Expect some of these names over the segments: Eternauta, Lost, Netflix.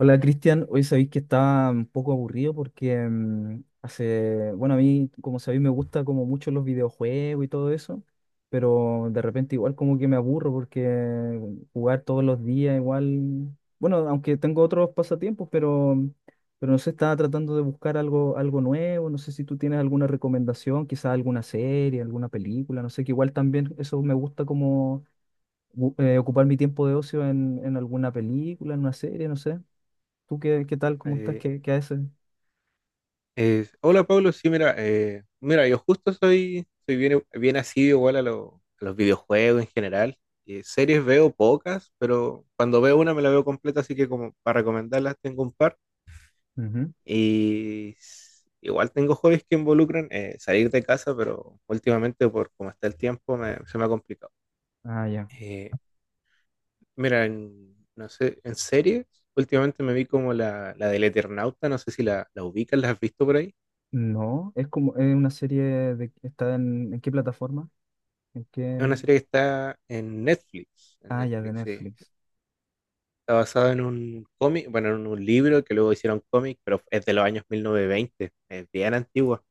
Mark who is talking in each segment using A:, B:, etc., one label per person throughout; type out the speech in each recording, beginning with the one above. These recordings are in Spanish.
A: Hola Cristian, hoy sabéis que estaba un poco aburrido porque bueno, a mí, como sabéis, me gusta como mucho los videojuegos y todo eso, pero de repente igual como que me aburro porque jugar todos los días igual, bueno, aunque tengo otros pasatiempos, pero, pero no sé, estaba tratando de buscar algo, nuevo, no sé si tú tienes alguna recomendación, quizás alguna serie, alguna película, no sé, que igual también eso me gusta como ocupar mi tiempo de ocio en, alguna película, en una serie, no sé. ¿Tú qué, tal? ¿Cómo estás?
B: Eh,
A: Qué, qué haces?
B: Hola Pablo, sí, mira, yo justo soy bien, bien asiduo igual a los videojuegos en general. Series veo pocas, pero cuando veo una me la veo completa, así que como para recomendarlas tengo un par.
A: Ujú.
B: Y igual tengo hobbies que involucran salir de casa, pero últimamente por cómo está el tiempo se me ha complicado.
A: Ah, ya.
B: Eh, Mira, no sé, en series, últimamente me vi como la del Eternauta, no sé si la ubicas, ¿la has visto por ahí?
A: No. Es como es una serie de está ¿en qué plataforma? ¿En
B: Es
A: qué?
B: una serie que está en Netflix. En
A: Ah, ya, de
B: Netflix, sí.
A: Netflix.
B: Está basada en un cómic, bueno, en un libro que luego hicieron cómic, pero es de los años 1920. Es bien antigua.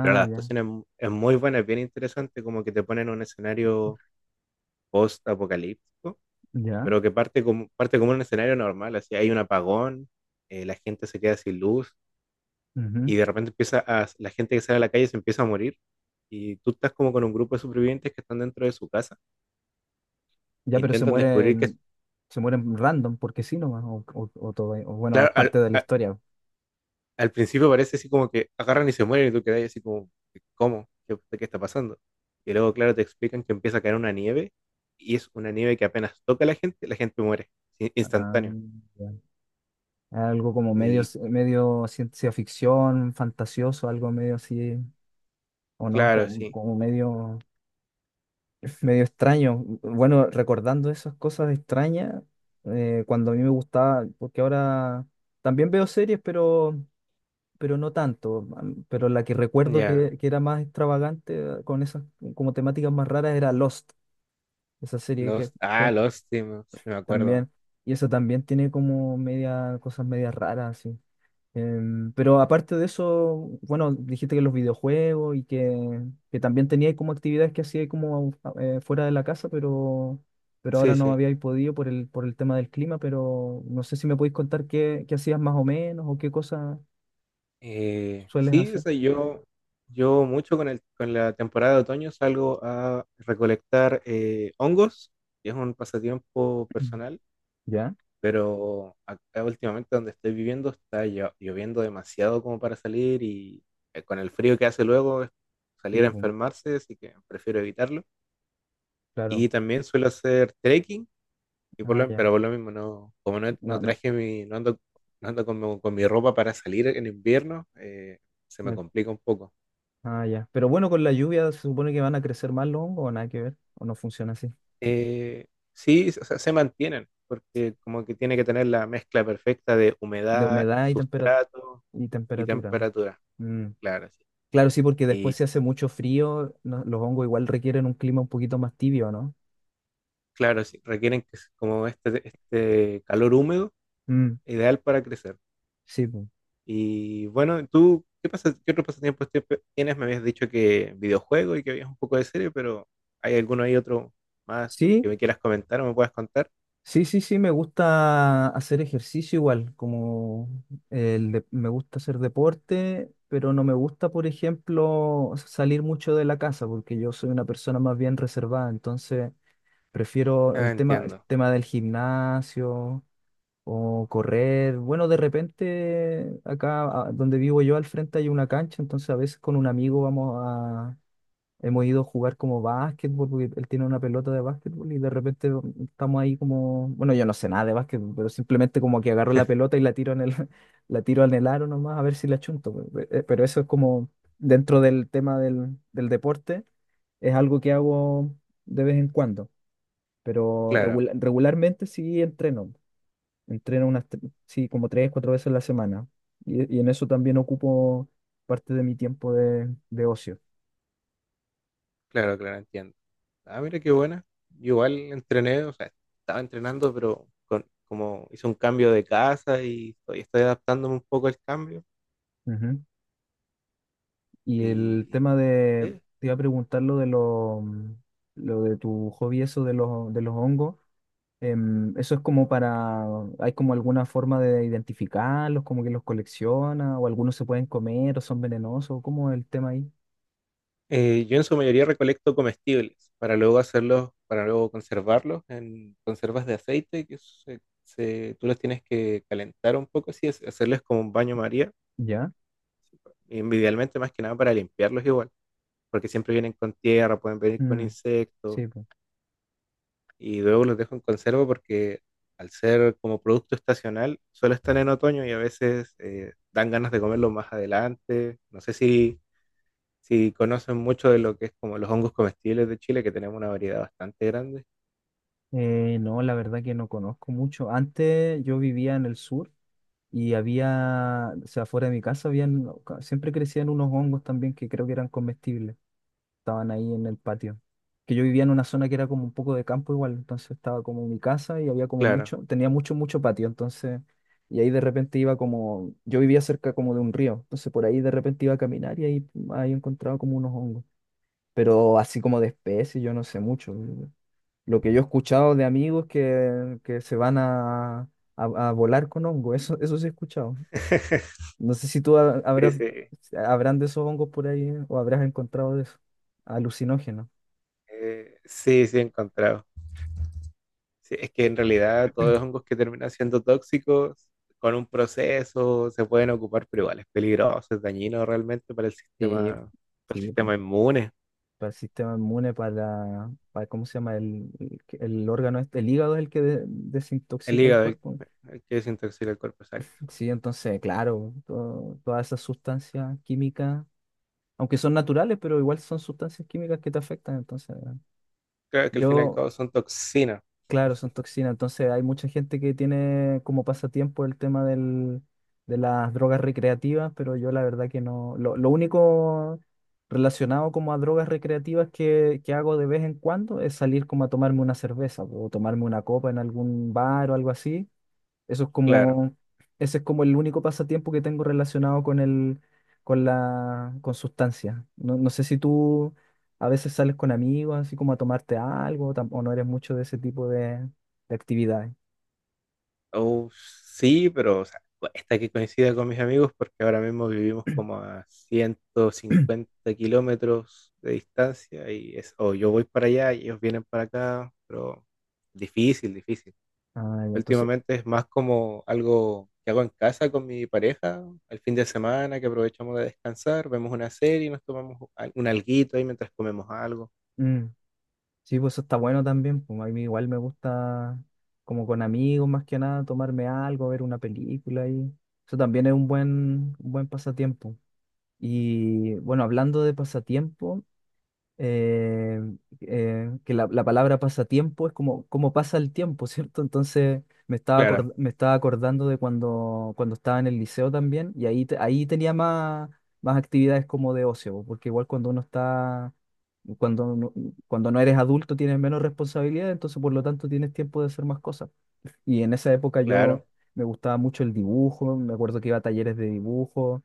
B: Pero la
A: ya.
B: adaptación es muy buena, es bien interesante, como que te ponen un escenario post-apocalíptico,
A: Ya.
B: pero que parte como un escenario normal. Así hay un apagón, la gente se queda sin luz
A: Ujú.
B: y de repente la gente que sale a la calle se empieza a morir y tú estás como con un grupo de supervivientes que están dentro de su casa,
A: Ya, pero se
B: intentan descubrir que,
A: mueren, se mueren random, porque sí nomás, o todo, o bueno, es
B: claro, al-
A: parte de la
B: a-
A: historia.
B: al principio parece así como que agarran y se mueren y tú quedas así como, ¿cómo? ¿Qué está pasando? Y luego, claro, te explican que empieza a caer una nieve y es una nieve que apenas toca a la gente muere, sí,
A: Ah,
B: instantáneo.
A: ya. Algo como medio,
B: Y
A: medio ciencia ficción, fantasioso, algo medio así, o no,
B: claro,
A: como,
B: sí,
A: como medio. Es medio extraño. Bueno, recordando esas cosas extrañas, cuando a mí me gustaba, porque ahora también veo series, pero, no tanto. Pero la que recuerdo
B: ya,
A: que era más extravagante, con esas como temáticas más raras, era Lost, esa serie
B: los
A: que,
B: Lost, ah,
A: que
B: Lost, sí me acuerdo.
A: también, y eso también tiene como media, cosas medias raras. Pero aparte de eso, bueno, dijiste que los videojuegos y que, también teníais como actividades que hacíais como fuera de la casa, pero,
B: Sí,
A: ahora no
B: sí.
A: habíais podido por el tema del clima, pero no sé si me podéis contar qué hacías más o menos o qué cosas sueles
B: Sí, o
A: hacer.
B: sea, yo mucho con la temporada de otoño salgo a recolectar hongos, que es un pasatiempo
A: Mm.
B: personal.
A: ¿Ya?
B: Pero acá últimamente donde estoy viviendo está lloviendo demasiado como para salir y con el frío que hace luego es salir
A: Sí,
B: a
A: pues,
B: enfermarse, así que prefiero evitarlo. Y
A: claro.
B: también suelo hacer trekking, y por
A: Ah,
B: lo-
A: ya.
B: pero por lo mismo no, como no,
A: No,
B: no
A: no,
B: traje no ando con mi ropa para salir en invierno, se
A: no
B: me
A: hay-
B: complica un poco.
A: Ah, ya. Pero bueno, con la lluvia se supone que van a crecer más los hongos o nada que ver, o no funciona así.
B: Eh, sí, o sea, se mantienen, porque como que tiene que tener la mezcla perfecta de
A: De
B: humedad,
A: humedad y tempera-
B: sustrato
A: y
B: y
A: temperatura.
B: temperatura,
A: ¿No?
B: claro, sí.
A: Claro, sí, porque después se hace mucho frío, los hongos igual requieren un clima un poquito más tibio, ¿no?
B: Claro, sí, requieren que es como este calor húmedo,
A: Mm,
B: ideal para crecer.
A: sí, po.
B: Y bueno, tú, ¿qué pasa, qué otro pasatiempo tienes? Me habías dicho que videojuego y que habías un poco de serie, pero ¿hay alguno ahí otro más
A: Sí,
B: que me quieras comentar o me puedas contar?
A: sí, sí, sí, me gusta hacer ejercicio igual, como me gusta hacer deporte, pero no me gusta, por ejemplo, salir mucho de la casa, porque yo soy una persona más bien reservada, entonces prefiero
B: Ah,
A: el tema, el
B: entiendo.
A: tema del gimnasio, o correr. Bueno, de repente acá donde vivo yo al frente hay una cancha, entonces a veces con un amigo vamos a. Hemos ido a jugar como básquetbol, porque él tiene una pelota de básquetbol y de repente estamos ahí como, bueno, yo no sé nada de básquetbol, pero simplemente como que agarro la pelota y la tiro en el, la tiro en el aro nomás a ver si la chunto. Pero eso es como dentro del tema del, deporte, es algo que hago de vez en cuando, pero
B: Claro,
A: regularmente sí entreno. Entreno Sí, como 3, 4 veces a la semana. Y en eso también ocupo parte de mi tiempo de, ocio.
B: claro, claro, entiendo. Ah, mira qué buena. Yo igual entrené, o sea, estaba entrenando, pero como hice un cambio de casa y estoy, estoy adaptándome un poco al cambio.
A: Ujú. Y el
B: Y
A: tema de,
B: eh,
A: te iba a preguntar lo de lo de tu hobby, eso de los hongos. Eso es como ¿hay como alguna forma de identificarlos, como que los colecciona, o algunos se pueden comer o son venenosos? ¿Cómo es el tema ahí?
B: Yo en su mayoría recolecto comestibles para luego hacerlos, para luego conservarlos en conservas de aceite que tú los tienes que calentar un poco, así, hacerles como un baño María,
A: ¿Ya?
B: y idealmente más que nada para limpiarlos igual, porque siempre vienen con tierra, pueden venir con
A: Mm,
B: insectos
A: sí, pues.
B: y luego los dejo en conserva porque al ser como producto estacional solo están en otoño y a veces dan ganas de comerlo más adelante. No sé si conocen mucho de lo que es como los hongos comestibles de Chile, que tenemos una variedad bastante grande,
A: No, la verdad que no conozco mucho. Antes yo vivía en el sur. Y había, o sea, fuera de mi casa, siempre crecían unos hongos también que creo que eran comestibles. Estaban ahí en el patio. Que yo vivía en una zona que era como un poco de campo igual, entonces estaba como mi casa y había
B: claro.
A: tenía mucho, mucho patio, entonces, y ahí de repente yo vivía cerca como de un río, entonces por ahí de repente iba a caminar y ahí, encontraba como unos hongos. Pero así como de especies, yo no sé mucho. Lo que yo he escuchado de amigos que, se van a volar con hongo, eso sí he escuchado. No sé si tú
B: Sí,
A: habrás,
B: sí,
A: habrán de esos hongos por ahí, ¿eh? O habrás encontrado de eso. Alucinógeno.
B: sí, sí, he encontrado. Sí, es que en realidad todos los hongos que terminan siendo tóxicos con un proceso se pueden ocupar, pero igual es peligroso, es dañino realmente
A: Sí,
B: para el
A: sí, po.
B: sistema inmune,
A: Para el sistema inmune, para, ¿cómo se llama? el órgano, el hígado es el que de-
B: el
A: desintoxica el
B: hígado, el,
A: cuerpo.
B: el que desintoxica el cuerpo, exacto.
A: Sí, entonces, claro, todas esas sustancias químicas, aunque son naturales, pero igual son sustancias químicas que te afectan. Entonces,
B: Claro que al fin y al
A: yo
B: cabo son toxinas,
A: Claro, son toxinas. Entonces hay mucha gente que tiene como pasatiempo el tema del, de las drogas recreativas, pero yo la verdad que no. Lo único relacionado como a drogas recreativas que, hago de vez en cuando es salir como a tomarme una cerveza o tomarme una copa en algún bar o algo así. Eso es
B: claro.
A: como, ese es como el único pasatiempo que tengo relacionado con el, con sustancia. No, no sé si tú a veces sales con amigos, así como a tomarte algo, o no eres mucho de ese tipo de, actividades.
B: Oh, sí, pero o sea, cuesta que coincida con mis amigos porque ahora mismo vivimos como a ciento cincuenta kilómetros de distancia y es, o yo voy para allá y ellos vienen para acá, pero difícil, difícil.
A: Ah, ya, entonces,
B: Últimamente es más como algo que hago en casa con mi pareja, al fin de semana que aprovechamos de descansar, vemos una serie, nos tomamos un alguito ahí mientras comemos algo.
A: mm, sí, pues eso está bueno también. Pues a mí igual me gusta, como con amigos más que nada, tomarme algo, ver una película y eso también es un buen, pasatiempo. Y bueno, hablando de pasatiempo, eh, que la, palabra pasatiempo es como pasa el tiempo, ¿cierto? Entonces
B: Claro,
A: me estaba acordando de cuando, estaba en el liceo también y ahí tenía más actividades como de ocio, porque igual cuando uno está, cuando, no- cuando no eres adulto tienes menos responsabilidad, entonces por lo tanto tienes tiempo de hacer más cosas. Y en esa época
B: claro,
A: yo me gustaba mucho el dibujo, me acuerdo que iba a talleres de dibujo,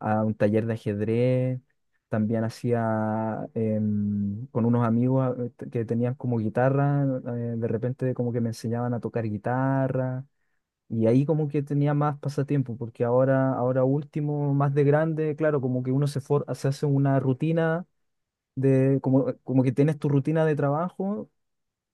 A: a un taller de ajedrez, también hacía con unos amigos que tenían como guitarra, de repente como que me enseñaban a tocar guitarra y ahí como que tenía más pasatiempo, porque ahora último, más de grande, claro, como que uno se hace una rutina como que tienes tu rutina de trabajo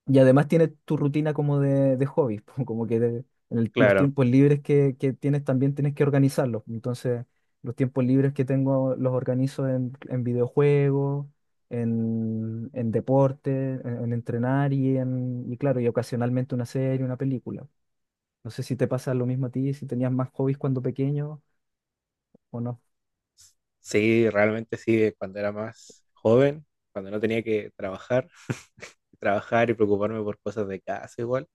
A: y además tienes tu rutina como de, hobbies, como que de- en el- los
B: claro.
A: tiempos libres que tienes también tienes que organizarlos. Entonces, los tiempos libres que tengo los organizo en, videojuegos, en, deporte, en entrenar y claro, y ocasionalmente una serie, una película. No sé si te pasa lo mismo a ti, si tenías más hobbies cuando pequeño o no.
B: Sí, realmente sí, cuando era más joven, cuando no tenía que trabajar, trabajar y preocuparme por cosas de casa igual,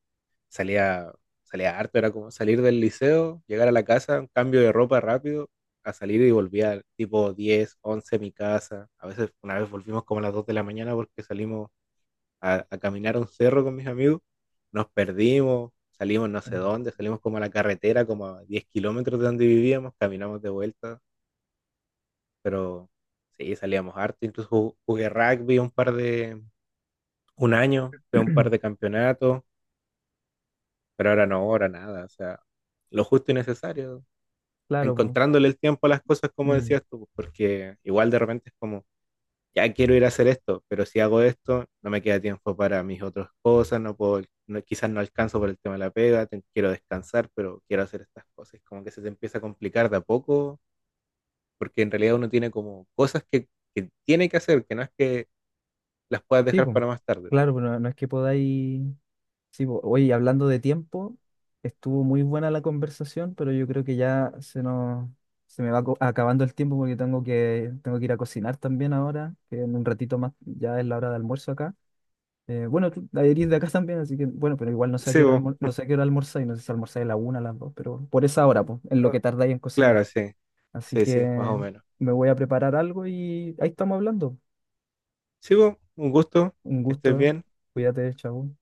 B: salía, salía harto, era como salir del liceo, llegar a la casa, un cambio de ropa rápido, a salir y volvía tipo 10, 11 a mi casa. A veces una vez volvimos como a las 2 de la mañana porque salimos a caminar a un cerro con mis amigos, nos perdimos, salimos no sé dónde, salimos como a la carretera, como a 10 kilómetros de donde vivíamos, caminamos de vuelta pero sí, salíamos harto, incluso jugué rugby un año, fue un par de campeonatos, pero ahora no, ahora nada, o sea, lo justo y necesario,
A: Claro, pues.
B: encontrándole el tiempo a las cosas como
A: Mm.
B: decías tú, porque igual de repente es como, ya quiero ir a hacer esto, pero si hago esto, no me queda tiempo para mis otras cosas, no puedo, quizás no alcanzo por el tema de la pega, quiero descansar, pero quiero hacer estas cosas, es como que se te empieza a complicar de a poco, porque en realidad uno tiene como cosas que tiene que hacer, que no es que las puedas
A: Sí,
B: dejar
A: pues.
B: para más tarde.
A: Claro, pues no, no es que podáis. Sí, po. Oye, y hablando de tiempo, estuvo muy buena la conversación, pero yo creo que ya se nos, se me va acabando el tiempo porque tengo que, ir a cocinar también ahora, que en un ratito más ya es la hora de almuerzo acá. Bueno, tú eres de acá también, así que bueno, pero igual no sé a qué
B: Sí,
A: hora
B: bo,
A: almor- no sé a qué hora almorzáis, no sé si almorzáis a la 1, a las 2, pero por esa hora, pues, en lo que tardáis en cocinar.
B: claro, sí,
A: Así
B: sí, sí, más
A: que
B: o menos.
A: me voy a preparar algo y ahí estamos hablando.
B: Sí, bo, un gusto,
A: Un
B: que estés
A: gusto, ¿eh?
B: bien.
A: Cuídate, chao.